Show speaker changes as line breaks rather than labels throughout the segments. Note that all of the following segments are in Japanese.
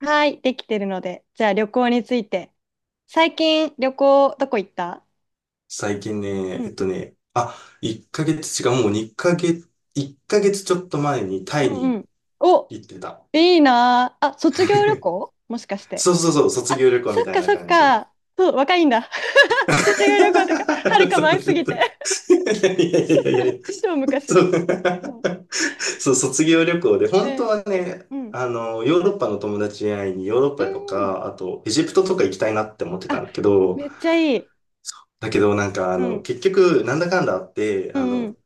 はい、できてるので。じゃあ旅行について。最近旅行どこ行った？
最近
う
ね、
ん。
あ、1ヶ月、違う、もう2ヶ月、1ヶ月ちょっと前にタ
う
イ
んう
に
ん。お、
行ってた。
いいなあ。あ、卒業旅 行もしかして。
そうそうそう、卒
あ、
業旅行
そ
み
っ
たい
か
な
そっ
感じ。
か。そう、若いんだ。
そうそう
卒業旅行とか、はるか
そ
前すぎて。
う。いやいやいやいやいや。
超
そ
昔。
う。
うん。
そう、卒業旅行で、
え
本当
え。
はね、
うん。
ヨーロッパの友達に会いにヨーロッ
う
パと
んうん。
か、あと、エジプトとか行きたいなって思ってた
あ、
んだけど、
めっちゃいい。
だけどなんか、
うん。
結局、なんだかんだあって、
うんうん。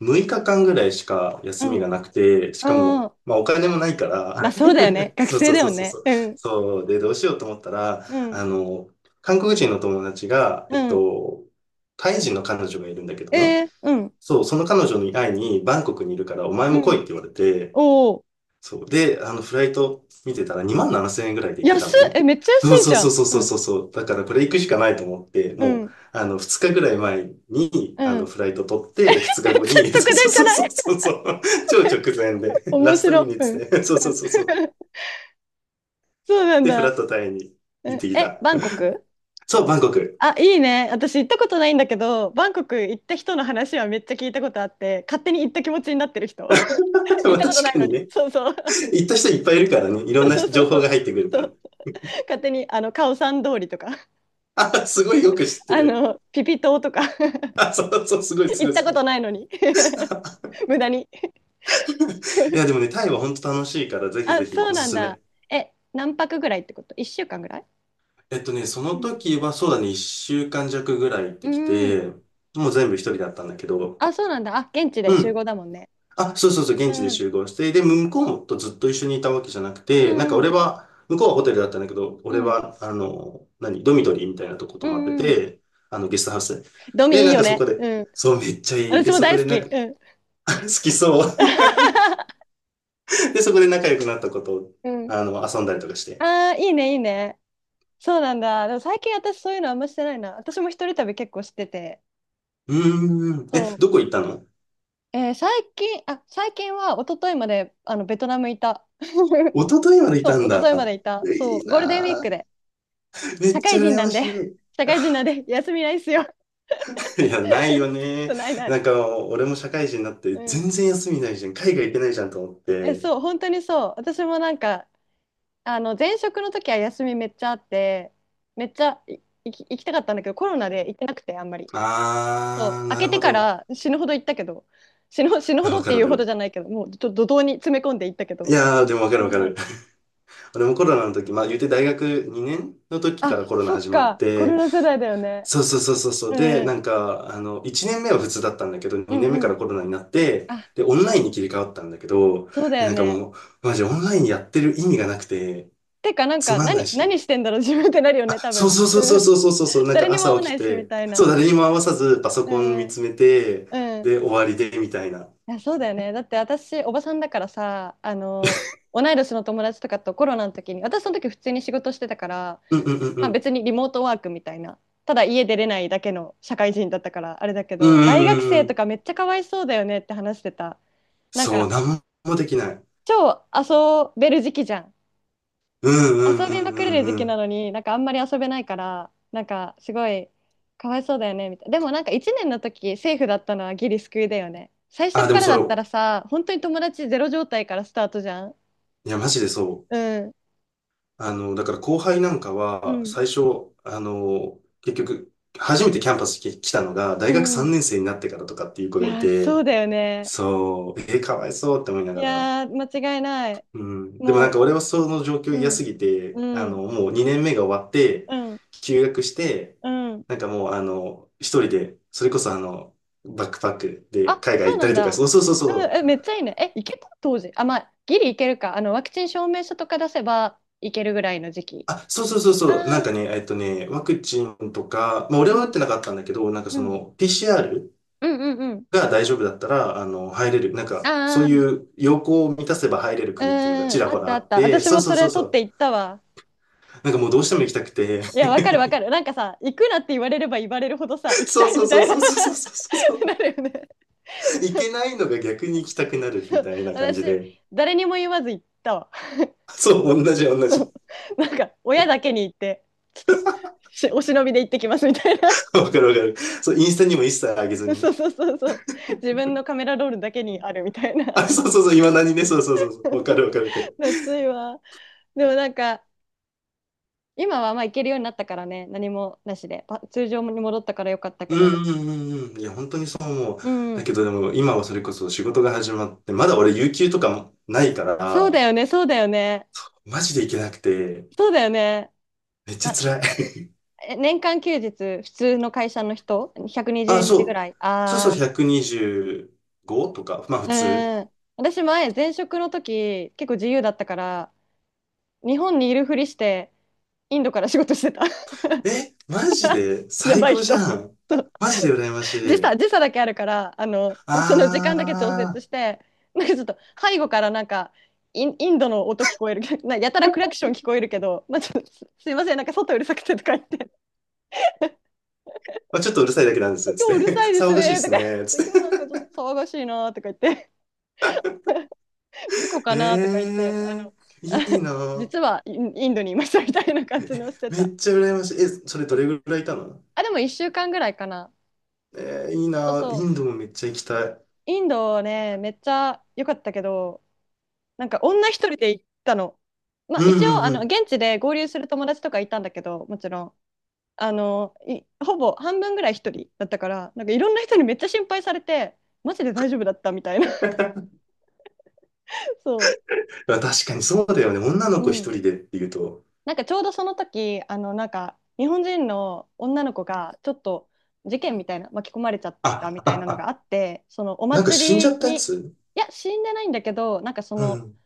6日間ぐらいしか
う
休み
ん。
がな
う
くて、しか
んう
も、
ん。
まあお金もないか
まあ
ら、
そうだよね。学
そう
生
そう
だ
そ
よ
うそう
ね。
そう。
うん。
そう、で、どうしようと思ったら、
うん。
韓国人の友達が、
うん。
タイ人の彼女がいるんだけど
え
ね。
え。うん。
そう、その彼女に会いにバンコクにいるからお前
う
も来いっ
ん。
て言われて、
おお。
そう。で、フライト見てたら2万7千円ぐらいで行けた
安
の
っ
ね。
え、めっちゃ安
そう
い
そ
じ
う
ゃ
そう
ん。
そう
う
そう
ん。
そうそう。だからこれ行くしかないと思って、
う
もう、
ん。
2日ぐらい前に、
うん。
フライト取って、2
め
日
っ
後
ちゃ
に、
直
そう
電じゃ
そう
な
そ
い？
うそうそう、超直前 で、ラ
面
ストミ
白。
ニッ
うん。う
ツ
ん。
で、そうそう そうそう。
そうなん
で、フラ
だ。
ットタイに
う
行っ
ん。
てき
え、
た。
バンコク？
そう、バンコク。
あ、いいね。私行ったことないんだけど、バンコク行った人の話はめっちゃ聞いたことあって、勝手に行った気持ちになってる人。行っ
まあ
たこと
確
ない
か
の
に
に。
ね、
そうそう。
行った人いっぱいいるからね、い ろんな
そうそう
情報
そ
が
う。
入ってくるか
そ
ら。
う、勝手にあのカオさん通りとか、
あ、すごいよく知っ て
あ
る。
のピピ島とか、
あ、そうそう、すごい す
行
ご
っ
い
た
すご
こと
い。
ないのに。 無駄に。
いや、でもね、タイは本当楽しいから、ぜひ
あ、
ぜひ
そう
おす
なん
す
だ。
め。
え、何泊ぐらいってこと？1週間ぐらい？
その時はそうだね、一週間弱ぐらい行って
う
き
ん。
て、もう全部一人だったんだけど、
あ、そうなんだ。あ、現地
う
で集
ん。
合だもんね。
あ、そうそうそう、現地で
うん。
集合して、で、向こうとずっと一緒にいたわけじゃなく
う
て、なんか
ん。
俺は、向こうはホテルだったんだけど、
う
俺
ん。
は、ドミトリーみたいなとこ泊
う
まって
ん。うん。
て、ゲストハウスで。
ド
で、
ミいい
なん
よ
かそこ
ね。
で、
うん。
そう、めっちゃいい。
私
で、
も
そこ
大好
で
き。
なんか、
うん。
好きそう。で、そこで仲良くなったことを、
うん。
遊んだりとかして。
ああ、いいね、いいね。そうなんだ。でも最近私そういうのあんましてないな。私も一人旅結構してて。
うーん。え、
そう。
どこ行ったの？
えー最近、あ、最近は一昨日まであのベトナムいた。
一昨日までいた
そ
ん
う、一昨
だ。
日までいた。そ
いい
う、ゴールデンウィー
な
ク
ぁ。
で。
めっ
社
ち
会
ゃ
人
羨
な
ま
んで、
し い。
社会人 なんで、休みないっすよ。
いや、ないよ
そ
ね。
うないな
な
い。
んか、俺も社会人になって、
うん。
全然休みないじゃん。海外行けないじゃんと思っ
え、
て。
そう、本当にそう。私もなんか、あの、前職の時は休みめっちゃあって、めっちゃい行き、行きたかったんだけど、コロナで行ってなくて、あんまり。そう、
あー、
開
なる
けて
ほ
か
ど。
ら死ぬほど行ったけど、死ぬ、死ぬ
い
ほ
や
ど
わ
っ
か
て
る
い
わ
う
か
ほどじ
る。
ゃないけど、もうちょっと怒涛に詰め込んで行ったけ
い
ど。
やー、でもわかる
そ
わ
う
か
そう。
る。俺もコロナの時、まあ言うて大学2年の時か
あ、
らコロナ
そっ
始まっ
か、コロ
て、
ナ世代だよね。
そうそうそうそうそう。で、
うん、
なんか、1年目は普通だったんだけど、
う
2
ん
年目か
うん。
らコロナになって、
あ、
で、オンラインに切り替わったんだけど、
そうだ
え
よ
なんか
ね。
もう、マジオンラインやってる意味がなくて、
てか、なん
つ
か、
まんない
何、
し。
何してんだろう、自分ってなるよね、多
そう
分。
そうそうそう
うん。
そうそうそうなん
誰
か
にも会
朝
わ
起
な
き
いし、み
て、
たい
そう、
な。
誰にも合わさずパソ
う
コン見
ん、
つめて、
うん。
で、終わりで、みたいな。
いやそうだよね。だって私おばさんだからさあの同い年の友達とかとコロナの時に、私その時普通に仕事してたから、
うんうんうんうん。
リモートワークみたいな、ただ家出れないだけの社会人だったからあれだけ
うん
ど、
う
大学
んうん
生
う
と
ん。
かめっちゃかわいそうだよねって話してた。なん
そう、
か
なんもできない。
超遊べる時期じゃん。
うんうん
遊
う
びまくれ
ん
る
うん
時
う
期な
ん。
のに、なんかあんまり遊べないから、なんかすごいかわいそうだよねみたいな。でもなんか1年の時セーフだったのはギリ救いだよね。最
あ、
初
でも
から
そ
だ
れ
った
を、
らさ、本当に友達ゼロ状態からスタートじゃん。
いや、マジでそ
う
う。
ん
だから後輩なんか
う
は、
ん
最初、結局、初めてキャンパスに来たのが、
う
大学
ん。
3年生になってからとかっていう子
い
がい
やーそ
て、
うだよね。
そう、かわいそうって思いな
い
がら、
やー間違いない。
うん。でもなんか
も
俺はその状況
うう
嫌
ん
すぎて、
うん
もう2年目が終わって、
うん
休学して、
うん。
なんかもう一人で、それこそバックパックで
あ、
海外
そ
行
う
った
な
り
ん
とか、
だ。
そうそうそう
う
そ
ん。え、
う。
めっちゃいいね。え、いけた当時？あ、まあギリいけるか、あのワクチン証明書とか出せばいけるぐらいの時期。
あ、そうそうそうそう。なん
あ
かね、
あ、
ワクチンとか、まあ俺
う
は打っ
ん。
てなかったんだけど、なんか
う
そ
ん。
の PCR
うんうんうん。
が大丈夫だったら、入れる、なんかそ
あ
う
あ、
いう要項を満たせば入れる
う
国っていうのがち
ん。
ら
あ
ほ
っ
ら
たあ
あ
っ
っ
た。
て、
私
そう
も
そ
そ
うそ
れ
うそ
取って
う。
行ったわ。
なんかもうどうしても行きたくて、
いや、わかるわかる。なんかさ、行くなって言われれば言われるほどさ、行き
そ
た
う
い
そう
み
そ
た
う
いな。
そうそうそう
な
そうそう。
るよね。
行
そう
けないのが逆に行きたくなるみ
そう。
たいな感じ
私、
で。
誰にも言わず行ったわ。
そう、同じ同じ。
なんか、親だけに行って、ちょっと、しお忍びで行ってきますみたいな。
わかるわかる。そう、インスタにも一切上げず
そ
に。
うそうそうそう。自分のカメラロールだけにあるみたい な。
あ、そうそうそう、今何ね、そうそうそうそう、わかるわ かるわかる。
夏いわ。でもなんか、今はまあ行けるようになったからね、何もなしで、パ通常に戻ったからよかった
う
けど。
んうんうんうん。いや、本当にそう思う。
う
だ
ん。
けどでも、今はそれこそ仕事が始まって、まだ俺、有給とかもないか
そうだ
ら、
よね、そうだよね。
マジで行けなくて、
そうだよね。
めっちゃ
ま、
辛い。
え年間休日、普通の会社の人、120
あ、
日ぐ
そう。
らい。
そうそう、
ああ、
125とか、まあ普
う
通。
ん。私前、前職の時、結構自由だったから、日本にいるふりして、インドから仕事してた。
え、マジ で
や
最
ばい
高じ
人。
ゃん。
そう、
マジで羨まし
時差、
い。
時差だけあるから、あの、その時間だけ調
あ
節
ー。
して、なんかちょっと背後からなんか、イン、インドの音聞こえる、なやたらクラクション聞こえるけど、まあ、ちょっとすすいません、なんか外うるさくてとか言って、
まあ、ちょっとうるさいだけなんです、
今
つ
日
っ
うる
て。
さい で
騒
す
がしいで
ねと
す
か、
ね、つっ
今日なん
て。
かちょっと騒がしいなとか言って、事故かなとか言って、
ええー、
あ
いいな。
実はインインドにいましたみたいな感じのして
め
た。
っちゃ羨ましい。え、それど
そ
れ
う、
ぐらいいたの？
あ、でも1週間ぐらいかな。
えー、いい
そう
な。
そ
イ
う。
ンドもめっちゃ行きたい。
インドね、めっちゃ良かったけど、なんか女一人で行ったの。まあ
う
一応、
んう
あ
んう
の、
ん。
現地で合流する友達とかいたんだけど、もちろん。あの、いほぼ半分ぐらい一人だったから、なんかいろんな人にめっちゃ心配されて、マジで大丈夫だったみたいな。そ
まあ、確かにそうだよね。女の
う。う
子一
ん。
人でっていうと。
なんかちょうどその時、あの、なんか日本人の女の子がちょっと事件みたいな、巻き込まれちゃった
あ、
み
あ、
たいなのがあ
あ、
って、そのお
なんか死んじゃ
祭り
ったや
に、い
つ？
や、死んでないんだけど、なんかそ
う
の、
ん。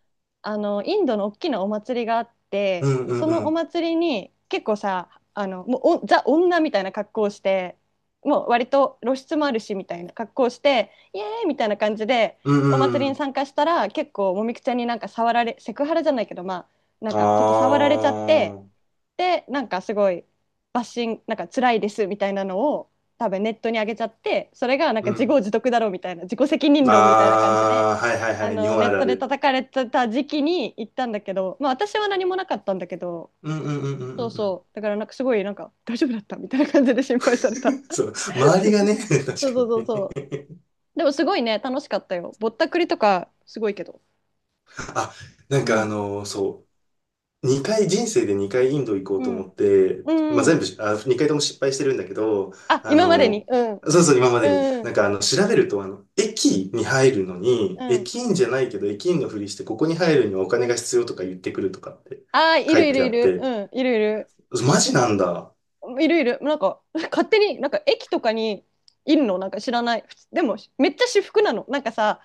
あのインドの大きなお祭りがあっ
う
て、
んう
そ
んう
のお
ん。
祭りに結構さ、あのもうおザ女みたいな格好をして、もう割と露出もあるしみたいな格好をして、イエーイみたいな感じで
う
お祭
んう
りに
ん。
参加したら、結構もみくちゃんになんか触られ、セクハラじゃないけど、まあな
あ
んかちょっと触られちゃって、
あ。
でなんかすごいバッシング、なんか辛いですみたいなのを多分ネットに上げちゃって、それがなん
う
か自業
ん。
自得だろうみたいな、自己責任論みたいな感じで、
ああ、はいはい
あ
はい。日
の
本
ネ
あ
ッ
るあ
トで
る。
叩かれてた時期に行ったんだけど、まあ、私は何もなかったんだけど。
うんうんうんうん
そう
うんうん。
そう、だからなんかすごい、なんか大丈夫だったみたいな感じで心配された。
そう。周りがね、確か
そうそうそう
にね。
そう。でもすごいね、楽しかったよ。ぼったくりとかすごいけど。
あ、なん
う
か
ん
そう、2回、人生で2回インド行こう
う
と
ん
思って、まあ、
う
全
ん。
部し、あ、2回とも失敗してるんだけど、
あ、
あ
今までに？
の、
うん。
そうそう、今までに、
う
な
ん
んか調べると、駅に入るのに、
うん。
駅員じゃないけど、駅員のふりして、ここに入るにはお金が必要とか言ってくるとかって
ああ、い
書い
るい
て
る
あ
い
っ
る。
て、
うん、いるいる。
マジなんだ。
いる、なんか勝手になんか駅とかにいるの。なんか知らない？普通でもめっちゃ私服なの、なんかさ。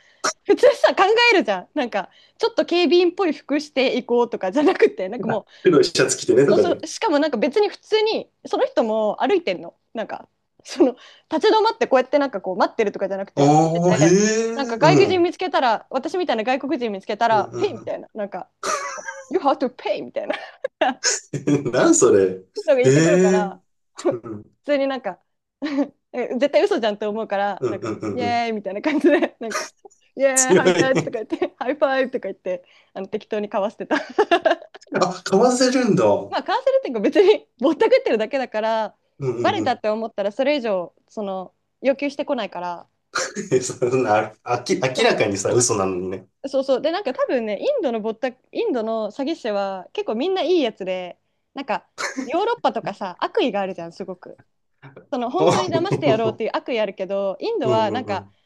普通さ考えるじゃん、なんか、ちょっと警備員っぽい服していこうとかじゃなくて、なんかも
あ、
う。
黒いシャツ着てねと
そう
か
そ
で。
う、しかもなんか別に普通にその人も歩いてんの。なんかその立ち止まってこうやってなんかこう待ってるとかじゃなく
あ
て、歩いて
あ、へ
て、なんか
え、
外国
う
人
ん。
見つけたら、私みたいな外国人見つけた
うん
ら「Hey」
う
みた
ん
いな、なんか「You have to pay」みたいな
うん。なんそれ。
のが
え
言ってくるか
え。
ら、
う
普
ん
通になんか、 え絶対嘘じゃんって思うから、
う
な
ん
ん
う
か、
んうん
イ
うん。
エーイみたいな感じで、なんか、イエーイ、
強
ハイタッチと
い。
か言って、ハイファイブとか言って、あの適当に交わしてた。
あ、かわせるんだ。うん
まあ、カウンセルっていうか別にぼったくってるだけだから、
う
バ
ん
レ
う
た
ん。
って思ったらそれ以上、その、要求してこないから。
そんな、ああき、明ら
そ
かにさ、嘘なのにね。
う。そうそう。で、なんか多分ね、インドの詐欺師は結構みんないいやつで、なんか、ヨーロッパとかさ、悪意があるじゃん、すごく。その本当に騙してやろうっ
お
てい う悪意あるけど、インド
う
は
んう
な
ん
ん
う
か
ん。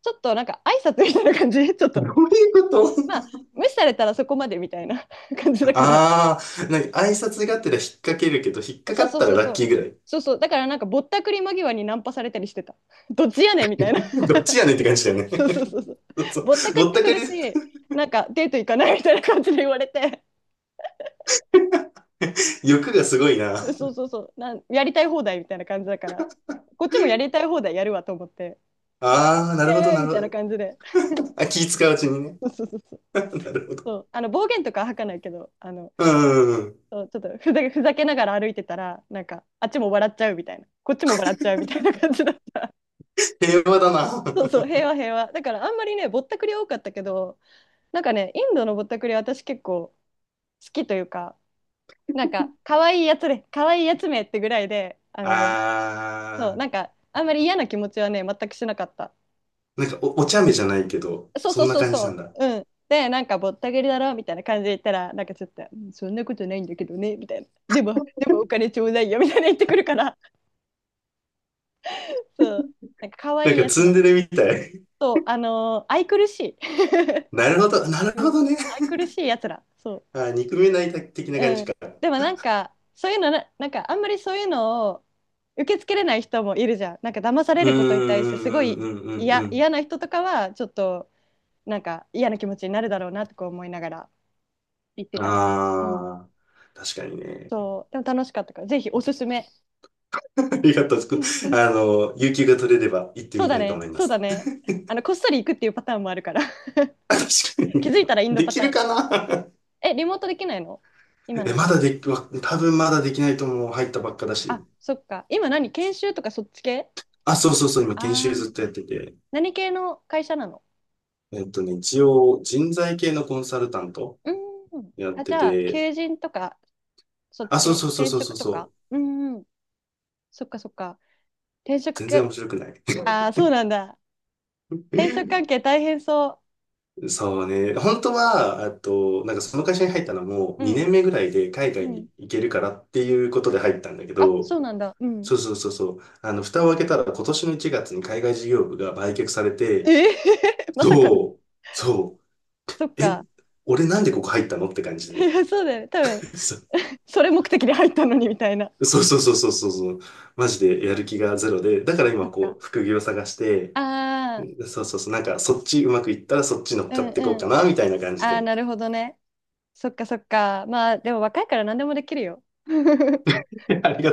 ちょっとなんか挨拶みたいな感じ ちょっ
どうい
と
うこと？
まあ無視されたらそこまでみたいな 感じだから。
あ あー、なんか挨拶がてら引っ掛けるけど、引っかか
そう
っ
そう
たら
そう
ラッ
そう
キーぐらい。
そう。そうだからなんかぼったくり間際にナンパされたりしてた。どっちやねんみたいな。
どっちやねんって感じだよ ね。
そうそうそうそう。
そうそう。
ぼったく
ぼ
っ
っ
て
た
く
く
る
り、
し、なんかデート行かないみたいな感じで言われて、
欲がすごいな。
そうそうそう、なんやりたい放題みたいな感じだから、こっちもやりたい放題やるわと思って、
ああ、な
イ
るほど、
エーイ
な
みたいな
る
感じで。
ほど。あ、気使ううちにね。
そうそうそうそう
なるほど。
そう、あの暴言とか吐かないけど、あの
うんうんうん。
そう、ちょっとふざけながら歩いてたら、なんか、あっちも笑っちゃうみたいな、こっちも笑っちゃうみたいな感じだった。
平和だ
そうそう、
な。
平和平和。だからあんまりね、ぼったくり多かったけど、なんかね、インドのぼったくりは私結構好きというか、なんか、可愛いやつで、可愛いやつめってぐらいで、あの、そう、
ああ、
なんか、あんまり嫌な気持ちはね、全くしなかった。
なんかお茶目じゃないけど、
そう
そ
そ
ん
う
な
そう
感じな
そ
んだ。
う、うん。で、なんかぼったくりだろみたいな感じで言ったら、なんかちょっと、うん、そんなことないんだけどね、みたいな。でも、でもお金ちょうだいよみたいな言ってくるから、そう、なんか可
なん
愛い
か
やつ
ツン
なん
デ
だ
レ
よ。
みたい。
そう、あのー愛くるしい
なるほど、な る
う
ほ
ん、
どね。
愛くるしいやつらそ
あ、憎めない的な
う。
感じ
うん、
か。
でもなんかそういうのな、なんかあんまりそういうのを受け付けれない人もいるじゃん。なんか騙され
う
ることに対してすご
んうん
い
うんうんうんう
嫌
ん。
嫌な人とかはちょっとなんか嫌な気持ちになるだろうなとか思いながら言ってたね。うん、
ああ、確かにね。
そうでも楽しかったからぜひおすすめ。
ありがとう。
うんうん。
有給が取れれば行って
そう
み
だ
たいと
ね
思いま
そうだ
す。
ね、あのこっそり行くっていうパターンもあるから。
確か
気
に。
づいたらインド
で
パ
き
タ
る
ーン。
かな？
え、リモートできないの、 今
え、
の仕
まだ
事？
でき、わ多分まだできないと思う。入ったばっかだし。
あ、そっか。今何研修とかそっち系？
あ、そうそうそう。今、研修
ああー、
ずっとやってて。
何系の会社なの？
一応、人材系のコンサルタント
うーん。
やっ
あ、じ
て
ゃあ、
て。
求人とか、そっち
あ、そう
系
そうそう
転
そう
職
そう
とか、
そう。
うんうん。そっかそっか。転職
全然
系、
面白くない。
ああ、そうなんだ。転職関 係大変そ
そうね。本当は、あと、なんかその会社に入ったのも
う。うん、
2年目ぐらいで海
う
外
ん。
に行けるからっていうことで入ったんだけ
あ、
ど、
そうなんだ。うん。
そうそうそうそう。蓋を開けたら今年の1月に海外事業部が売却され
え
て、
ー まさかの。
そう、そ
そっ
う、え、
か。
俺なんでここ入ったのって感じ
い
で。
や、そうだよね。多分、それ目的で入ったのにみたいな。
そうそうそうそうそうそうそう。マジでやる気がゼロで、だから
そ
今
っか。
こう、副業探して、
ああ、
そうそうそう、なんかそっちうまくいったらそっち乗っ
う
か
ん
っていこう
うん。
かな、みたいな感じ
ああ、な
で。
るほどね。そっかそっか。まあ、でも若いから何でもできるよ。う
ありが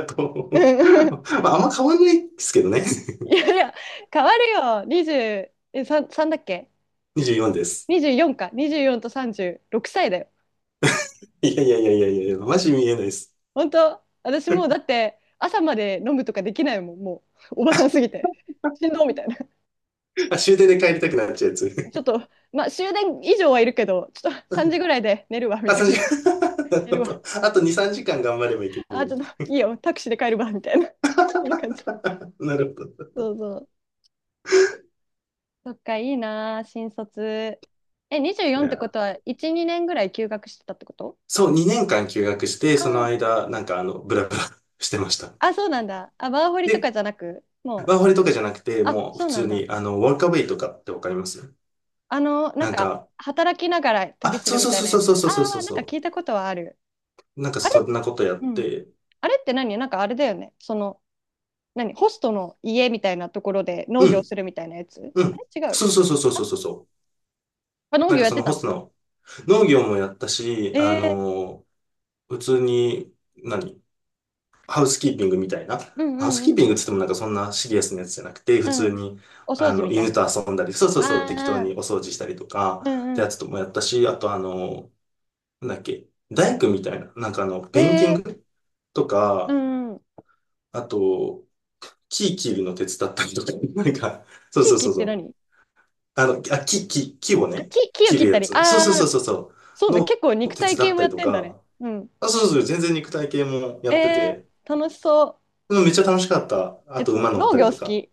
ん、
とう。まあ、あんま変わんないですけどね。
いやいや、変わるよ。20、え、3、3だっけ？
24です。
24 か。24と36歳だよ。
いやいやいやいやいや、マジ見えないです。
本当私もうだって朝まで飲むとかできないもん。もう、おばさんすぎて。しんどみたいな。
あ、終電で帰りたくなっちゃうや
ちょっ
つ。
と、まあ終電以上はいるけど、ちょっと3時ぐらいで寝るわ、み
あ、
たい
3
な。
時間。なる
寝
ほ
るわ。
ど。あと2、3時間頑張ればいける
あ、
の
ちょ
に。
っといいよ。タクシーで帰るわ、みたいな。そんな感じ。
なるほど。
そ
い
うそう。そっか、いいなあ、新卒。え、
や
24ってこ
ー、
とは、1、2年ぐらい休学してたってこと？
そう、2年間休学して、
あ
その
ー、
間、ブラブラ してました。
あ、そうなんだ。あ、ワーホリと
で、
かじゃなく、もう、
ワーホリとかじゃなくて、
あ、
もう普
そうな
通
んだ。
に、ワーカーウェイとかってわかります
あの、なん
なん
か、
か、
働きながら
あ、
旅す
そ
る
う
み
そう
たい
そ
なや
うそ
つ。
う
あ
そうそうそ
あ、
う
なんか
そ
聞いたことはある。
う。なんか
あ
そ
れ、
んなことやっ
うん。
て、
あれって何？なんかあれだよね。その、何、ホストの家みたいなところで
う
農業
ん、
するみたいなやつ、
う
あ
ん。
れ違う？
そうそうそうそうそうそう。
あ、農
なん
業
か
やっ
その
て
ホ
た
ス
の？
トの農業もやったし、
ええ
普通に、ハウスキーピングみたいな。
ー、うん
ハウス
うん
キ
う
ーピ
ん。
ングって言ってもなんかそんなシリアスなやつじゃなくて、普
う
通
ん。
に、
お掃除みたい
犬
な。
と遊んだり、そうそうそう、適当
ああ、
にお掃除したりとか、
う
って
んう
や
ん。
つともやったし、あとあの、なんだっけ、大工みたいな、
え
ペインティン
ー、
グと
う
か、
ん。
あと、木切るの手伝ったりとか、なんか、そう
地
そう
域
そう
っ
そ
て
う。
何？
あの、木を
あ、
ね、
木を
切
切
る
った
や
り。
つ。そうそう
ああ、
そうそうそ
そ
う。
うね。
の
結構
を
肉
手
体
伝
系
っ
も
た
や
り
っ
と
てんだね。
か、
うん。
あ、そうそう、全然肉体系も
え
やってて、
ー、楽しそう。
うんめっちゃ楽しかった。あ
え、
と
つ
馬乗っ
農
たり
業好
とか。
き。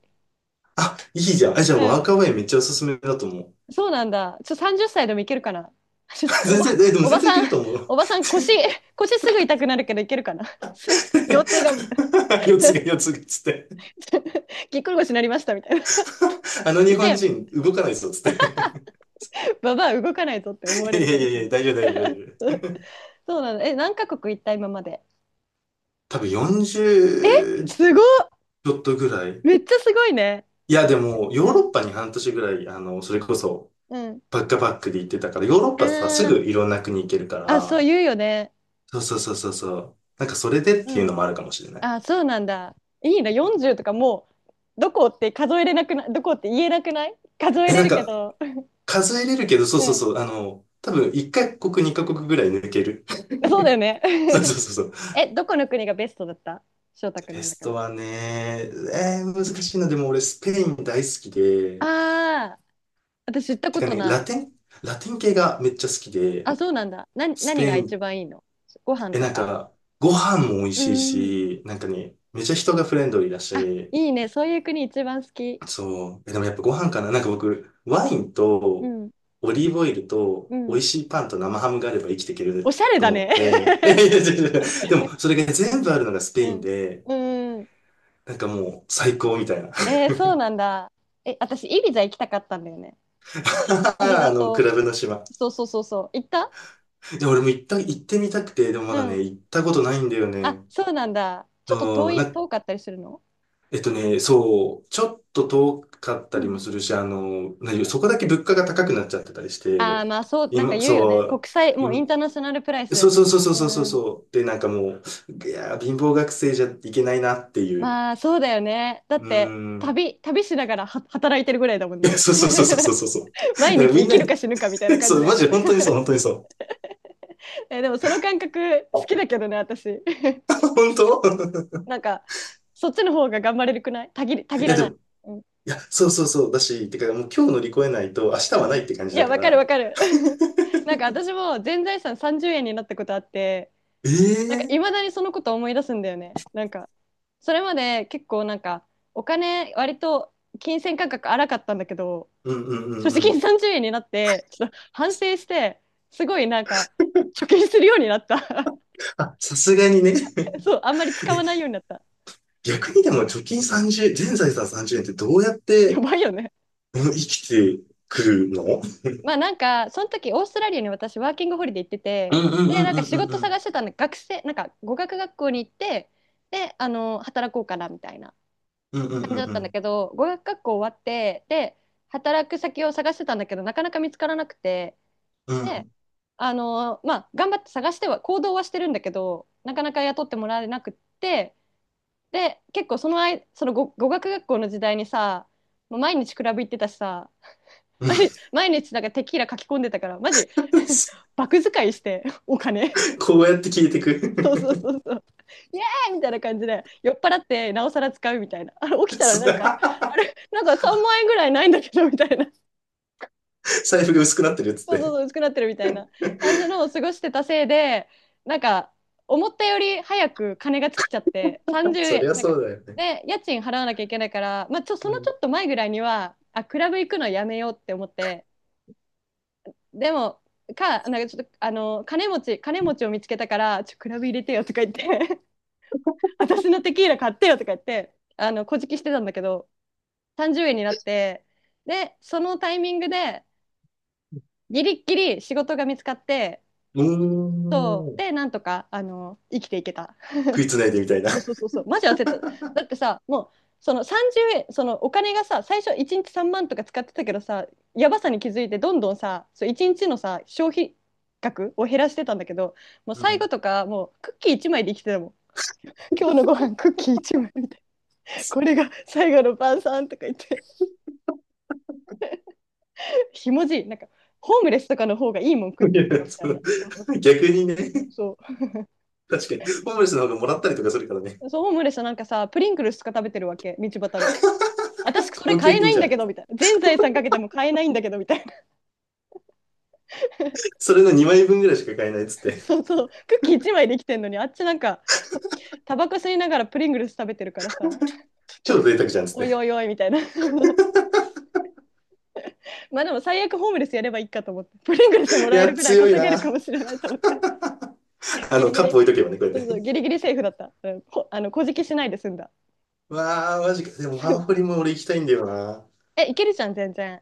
あ、いいじゃん。あ、じゃあ
う
ワ
ん。
ークアウェイめっちゃおすすめだと思う。
そうなんだ。ちょ、30歳でもいけるかな。ちょ お
全然、
ば、
え、でも
お
全
ば
然い
さ
け
ん、
ると思う。
おばさん腰、腰すぐ痛くなるけどいけるかな。すいません。腰痛がみたい
四つがつっ
な。
て。
ぎっくり腰になりましたみたいな。
あの日
首だ
本
よね。
人動かないぞつって。
ババア動かないぞって思 わ
いや
れるか
い
もし
やい
れ
や、
な
大
い。
丈夫大丈夫大丈夫。
そうなの。え、何カ国行った今まで？
多分40ち
すごっ、
ょっとぐらい。
めっちゃすごいね。
いや、でも、ヨー
うん、
ロッパに半年ぐらい、それこそ、
うん。
バックパックで行ってたから、ヨーロッ
あ
パさ、すぐ
ー、
いろんな国行けるか
あ、そう
ら、
言うよね。
そうそうそうそうそう。なんかそれでっ
う
ていうの
ん。
もあるかもしれない。
あ、そうなんだ。いいな、40とかもう、どこって数えれなくない？どこって言えなくない、数え
え、
れ
なん
るけ
か
ど。
数えれるけど、そう
う
そう
ん。
そう、多分1カ国、2カ国ぐらい抜ける。
そうだよね。
そうそうそう そう。
え、どこの国がベストだった？翔太くん
ベ
の
ス
中
ト
で。
はね、難しいな。でも俺スペイン大好きで、
ああ、私行った
て
こ
か
と
ね、
な
ラ
い。
テン、ラテン系がめっちゃ好きで、
あ、そうなんだ。な、
ス
何
ペ
が
イ
一
ン、
番いいの？ご飯
え、
と
なん
か。
か、ご飯も美味
う
しい
んうん。
し、なんかね、めっちゃ人がフレンドリーだ
あ、
し、
いいね。そういう国一番好き。
そう。えでもやっぱご飯かな。なんか僕、ワイン
う
と
ん。
オリーブオイルと
う
美味
ん。
しいパンと生ハムがあれば生きていけ
お
る
しゃれ
と
だ
思っ
ね。
て。いやいや いやいやでも、それが全部あるのがスペ
う
イン
ん。
で、
うん。
なんかもう最高みたいな。
えー、そうなんだ。え、私、イビザ行きたかったんだよね。イビザ
ク
と、
ラブの島。
そうそうそうそう。行った？
で、俺も行ってみたくて、でもま
う
だね、
ん。
行ったことないんだよ
あ、
ね。
そうなんだ。ちょっと
そ
遠
う、
い、
な、
遠かったりするの？
えっとね、そう、ちょっと遠かっ
う
たり
ん。
もするし、そこだけ物価が高くなっちゃってたりし
ああ、
て、
まあそう、なんか
今、
言うよね。
そう、
国際、もうイ
今、
ンターナショナルプライスだよ
そうそう
ね。
そうそうそうそう
うん。
そう。で、なんかもう、いやー、貧乏学生じゃいけないなっていう。
まあそうだよね。だ
う
っ
ー
て、
ん。
旅しながらは働いてるぐらいだもん
いや
ね。
そうそうそうそう そうそう。だ
毎
か
日
らみん
生
な
きる
に、
か死ぬかみたいな 感
そ
じ
う、
だよ
マ
ね。
ジ、本当にそう、本当にそう。
え、でもその感覚好きだけどね、私。
本当
なんか、そっちの方が頑張れるくない、たぎり、た
い
ぎ
や、
ら
で
ない。
も、
うん
いや、そうそうそう。だし、てか、もう今日乗り越えないと、明日
う
はない
ん、
って感じ
い
だ
や、
か
わかるわ
ら。
かる。なんか私も全財産30円になったことあって、なんかい
ええ
まだにそのこと思い出すんだよね。なんか、それまで結構なんか、お金割と金銭感覚荒かったんだけど、
うんうんう
所
ん
持
う
金
ん。
30円になって、ちょっと反省して、すごいなんか、貯金するようになった。
あ、さすがにね。
そう、あんまり使わないようになった。
逆にでも、貯金
うん、
30、全財産30円ってどうやっ
や
て、
ばいよね。
うん生きてくるの？
まあ、なんかその時オーストラリアに私ワーキングホリデー行って
う
て、
んうんう
で
ん
なん
う
か
ん
仕
うん
事
うん。
探してたんで、学生、なんか語学学校に行って、であの働こうかなみたいな
うんうん
感じ
う
だ
ん
っ
う
たんだ
ん。
けど、語学学校終わって、で働く先を探してたんだけど、なかなか見つからなくて、
う
で
ん。
あのまあ頑張って探しては行動はしてるんだけど、なかなか雇ってもらえなくって、で結構その間、その語学学校の時代にさ、もう毎日クラブ行ってたしさ、毎日毎日なんかテキーラ書き込んでたから、マジ バク使いしてお金。
こうやって消えて
そうそう
く。
そうそう、イエーイみたいな感じで酔っ払ってなおさら使うみたいな、あれ起きたらなんかあ れなんか3万円ぐらいないんだけどみたいな、
財布が薄くなってるっつっ
そうそう
て。
そう薄くなってるみたいな感じのを過ごしてたせいで、なんか思ったより早く金が尽きちゃって30
そり
円
ゃ
なんか。
そうだよね。
で家賃払わなきゃいけないから、まあ、そ
う
の
ん。
ちょっと前ぐらいには、あ、クラブ行くのやめようって思って、でも、かなんか、ちょっとあの金持ちを見つけたから、クラブ入れてよとか言って、私のテキーラ買ってよとか言って、あの、こじきしてたんだけど、30円になって、で、そのタイミングで、ギリッギリ仕事が見つかって、
うーん。
で、なんとか、あの、生きていけた。
食いつないでみたいな。
そうそうそう、マジ焦った。だってさ、もう、その30円、そのお金がさ、最初1日3万とか使ってたけどさ、やばさに気づいて、どんどんさ、そう1日のさ、消費額を減らしてたんだけど、もう
う
最後
ん。
とか、もうクッキー1枚で生きてたもん。今日のご飯クッキー1枚みたいな、これが最後の晩餐とか言って。ひもじい、なんかホームレスとかの方がいいもん食っ
い
てるだろ
や
みた
そ
い
の
な。そうそうそ
逆にね、
う、うん、そ
確かに、ホームレスの方がもらったりとかするからね、
うそう、ホームレスはなんかさプリンクルスとか食べてるわけ道端で、私それ
高
買
級
えな
品
い
じ
ん
ゃ
だけど
ん。
みたいな、全財産かけても買えないんだけどみたいな。
それの2枚分ぐらいしか買えないっつっ て、
そうそう、クッキー1枚できてんのにあっちなんかタバコ吸いながらプリングルス食べてるからさ、ちょっ
超
と、
贅沢じゃんっつっ
おいお
て。
いおいみたいな。 まあでも最悪ホームレスやればいいかと思って、プリングルスも
い
らえ
や、
るぐらい
強い
稼げ
な。
るかもしれないと思って。 ギリギ
カップ
リ、
置いとけばね、こう
そ
やっ
うそう、
て。
ギリギリセーフだった、うん、あの小じきしないで済んだ。
わあ、マジか。でも、ワーホリも俺行きたいんだよな。
え、いけるじゃん、全然。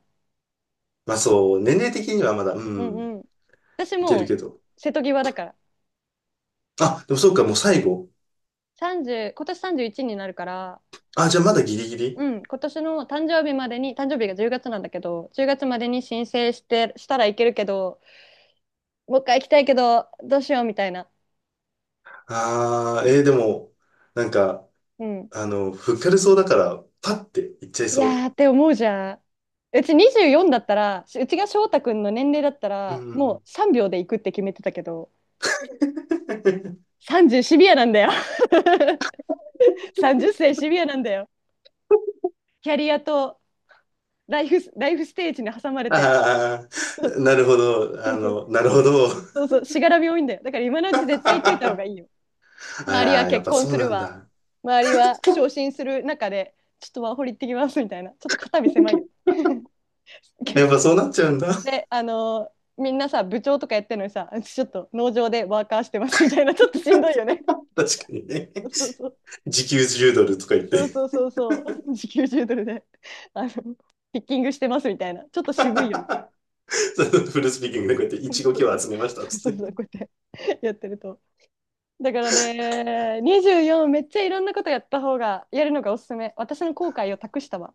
まあそう、年齢的にはまだ、う
うん
ん、
うん。私
いける
も
け
う
ど。
瀬戸際だから。
あ、でもそうか、もう最後。
30、今年31になるから、
あ、じゃあまだギリギリ。
うん、今年の誕生日までに、誕生日が10月なんだけど、10月までに申請してしたらいけるけど、もう一回行きたいけど、どうしようみたいな。
ああー、えー、でも、なんか、
うん。
あの、ふっかるそうだから、パッていっちゃい
い
そ
やーって思うじゃん。うち24だったら、うちが翔太くんの年齢だった
う。う
ら、もう
ん。
3秒で行くって決めてたけど、30シビアなんだよ。30歳シビアなんだよ。キャリアとライフステージに挟まれて。
あ あ、なるほど。なるほど。
そうそう、しがらみ多いんだよ。だから今の うち絶対言っていた方が
あ
いいよ。
あ、
周りは
やっ
結
ぱ
婚
そ
す
う
る
なん
わ、
だ。
周りは昇進する中で、ちょっとワーホリ行ってきますみたいな、ちょっと肩身狭いよ。
や っぱそうなっちゃうんだ。
で、みんなさ、部長とかやってるのにさ、ちょっと農場でワーカーしてますみたいな、ちょっとしんどいよね。
確かにね。
そうそう
時給10ドルとか言って、
そうそうそうそう、時給10ドルで、あの、ピッキングしてますみたいな、ちょっと渋いよね。
そのフルスピーキングでこうやってい
そ
ちごき
うそ
を
う
集めましたっ
そう
つ
そう
っ
そ
て。
う、こうやってやってると。だからね、24めっちゃいろんなことやった方が、やるのがおすすめ。私の後悔を託したわ。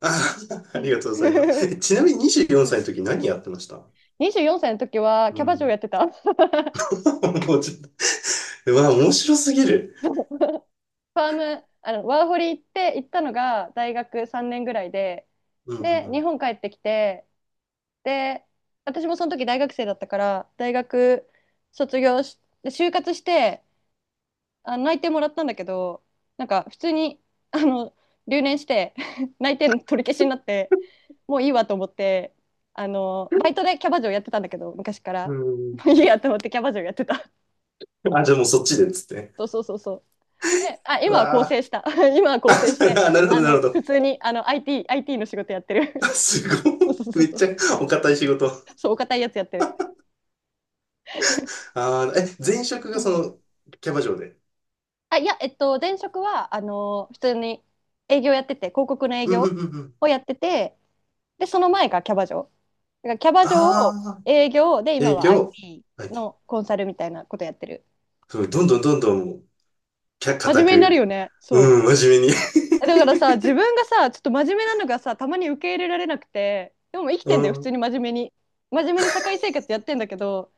ああ、あ
う
り
ん。
がとうございます。えちなみに24歳の時何やってました
24歳の時は
う
キャバ嬢や
ん。
ってた。
もうちょっと、うわ、面白すぎる。
そう、ファーム、あの、ワーホリ行ったのが大学3年ぐらいで、
うんう
で、日
ん
本帰ってきて、で、私もその時大学生だったから、大学卒業し、で就活して、あの内定もらったんだけど、なんか普通に、あの、留年して 内定の取り消しになって、もういいわと思って、あのバイトでキャバ嬢やってたんだけど昔か
う
ら、
ん。
もういいやと思ってキャバ嬢やってた。
あ、じゃあもうそっちでっつって。
そうそうそうそう、で、あ、
う
今は更生
わ
した。 今は更生し
ー
て、
あ。なるほど、
あ
なる
の
ほど。
普通に、あの IT の仕事やって る。
すごい。
そうそう そ
め
う
っ
そ
ち
う
ゃお堅い仕事。
そう、お堅いやつやってる、
え、前職
う
がそ
ん、
の、キャバ嬢で。
いや前職はあの普通に営業やってて、広告の営
うんう
業
んうんうん。
をやってて、でその前がキャバ嬢。だからキャバ嬢を、
ああ、
営業で、今
営
は
業。はい。
IT のコンサルみたいなことやってる。
そごどんどんどんどんもう、
真
固
面目になるよ
く。
ね。そ
うん、
う
真面目に。
だからさ、自分がさちょっと真面目なのがさたまに受け入れられなくて、でも生 き
う
てんだよ、普通
ん。
に真面目に。真面目に社会生活やってんだけど、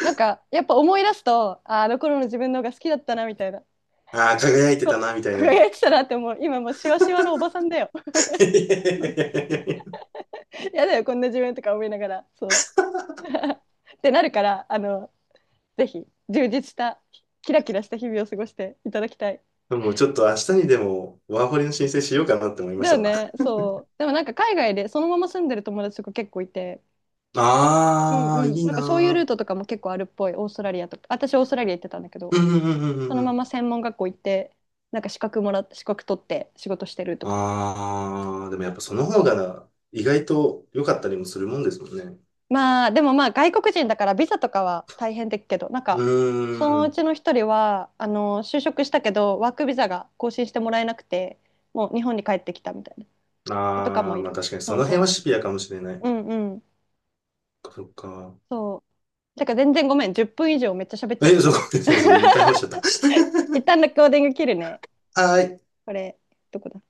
なんかやっぱ思い出すと、あ、あの頃の自分の方が好きだったなみたいな、
ああ、輝いてたな、みたいな。
輝いてたなって思う。今もうシワシワのおばさんだよ。
いやいやいやいやい
やだよこんな自分とか思いながら、そうってなるから、あのぜひ充実したキラキラした日々を過ごしていただきたい。
やもうちょっと明日にでも、ワーホリの申請しようかなって思いま
だ
し
よ
たわ。
ね。そうでもなんか海外でそのまま住んでる友達とか結構いて、うん
ああ、
う
い
ん、
い
なんかそういうル
な
ートとかも結構あるっぽい。オーストラリアとか、私オーストラリア行ってたんだけ
ー。う
ど、
んうんうんう
そ
んう
のま
ん。
ま専門学校行って、なんか資格取って仕事してるとか。
ああ、でもやっぱその方が意外と良かったりもするもんですもんね。
まあでもまあ外国人だからビザとかは大変だけど、なん
う
か、そ
ー
のう
ん。
ちの一人はあの就職したけどワークビザが更新してもらえなくて、もう日本に帰ってきたみたいな子とか
あ
も
あ、
い
まあ
る。
確かにそ
そう
の辺は
そ
シビアかもしれない。
う、うんうん。
そっか。
そうだから、全然ごめん、10分以上めっちゃ喋っちゃっ
え、
て
そう
た
ご
わ。
めんなさい。いっぱい 話しちゃった。
一 旦のコーディング切るね。
はーい。
これどこだ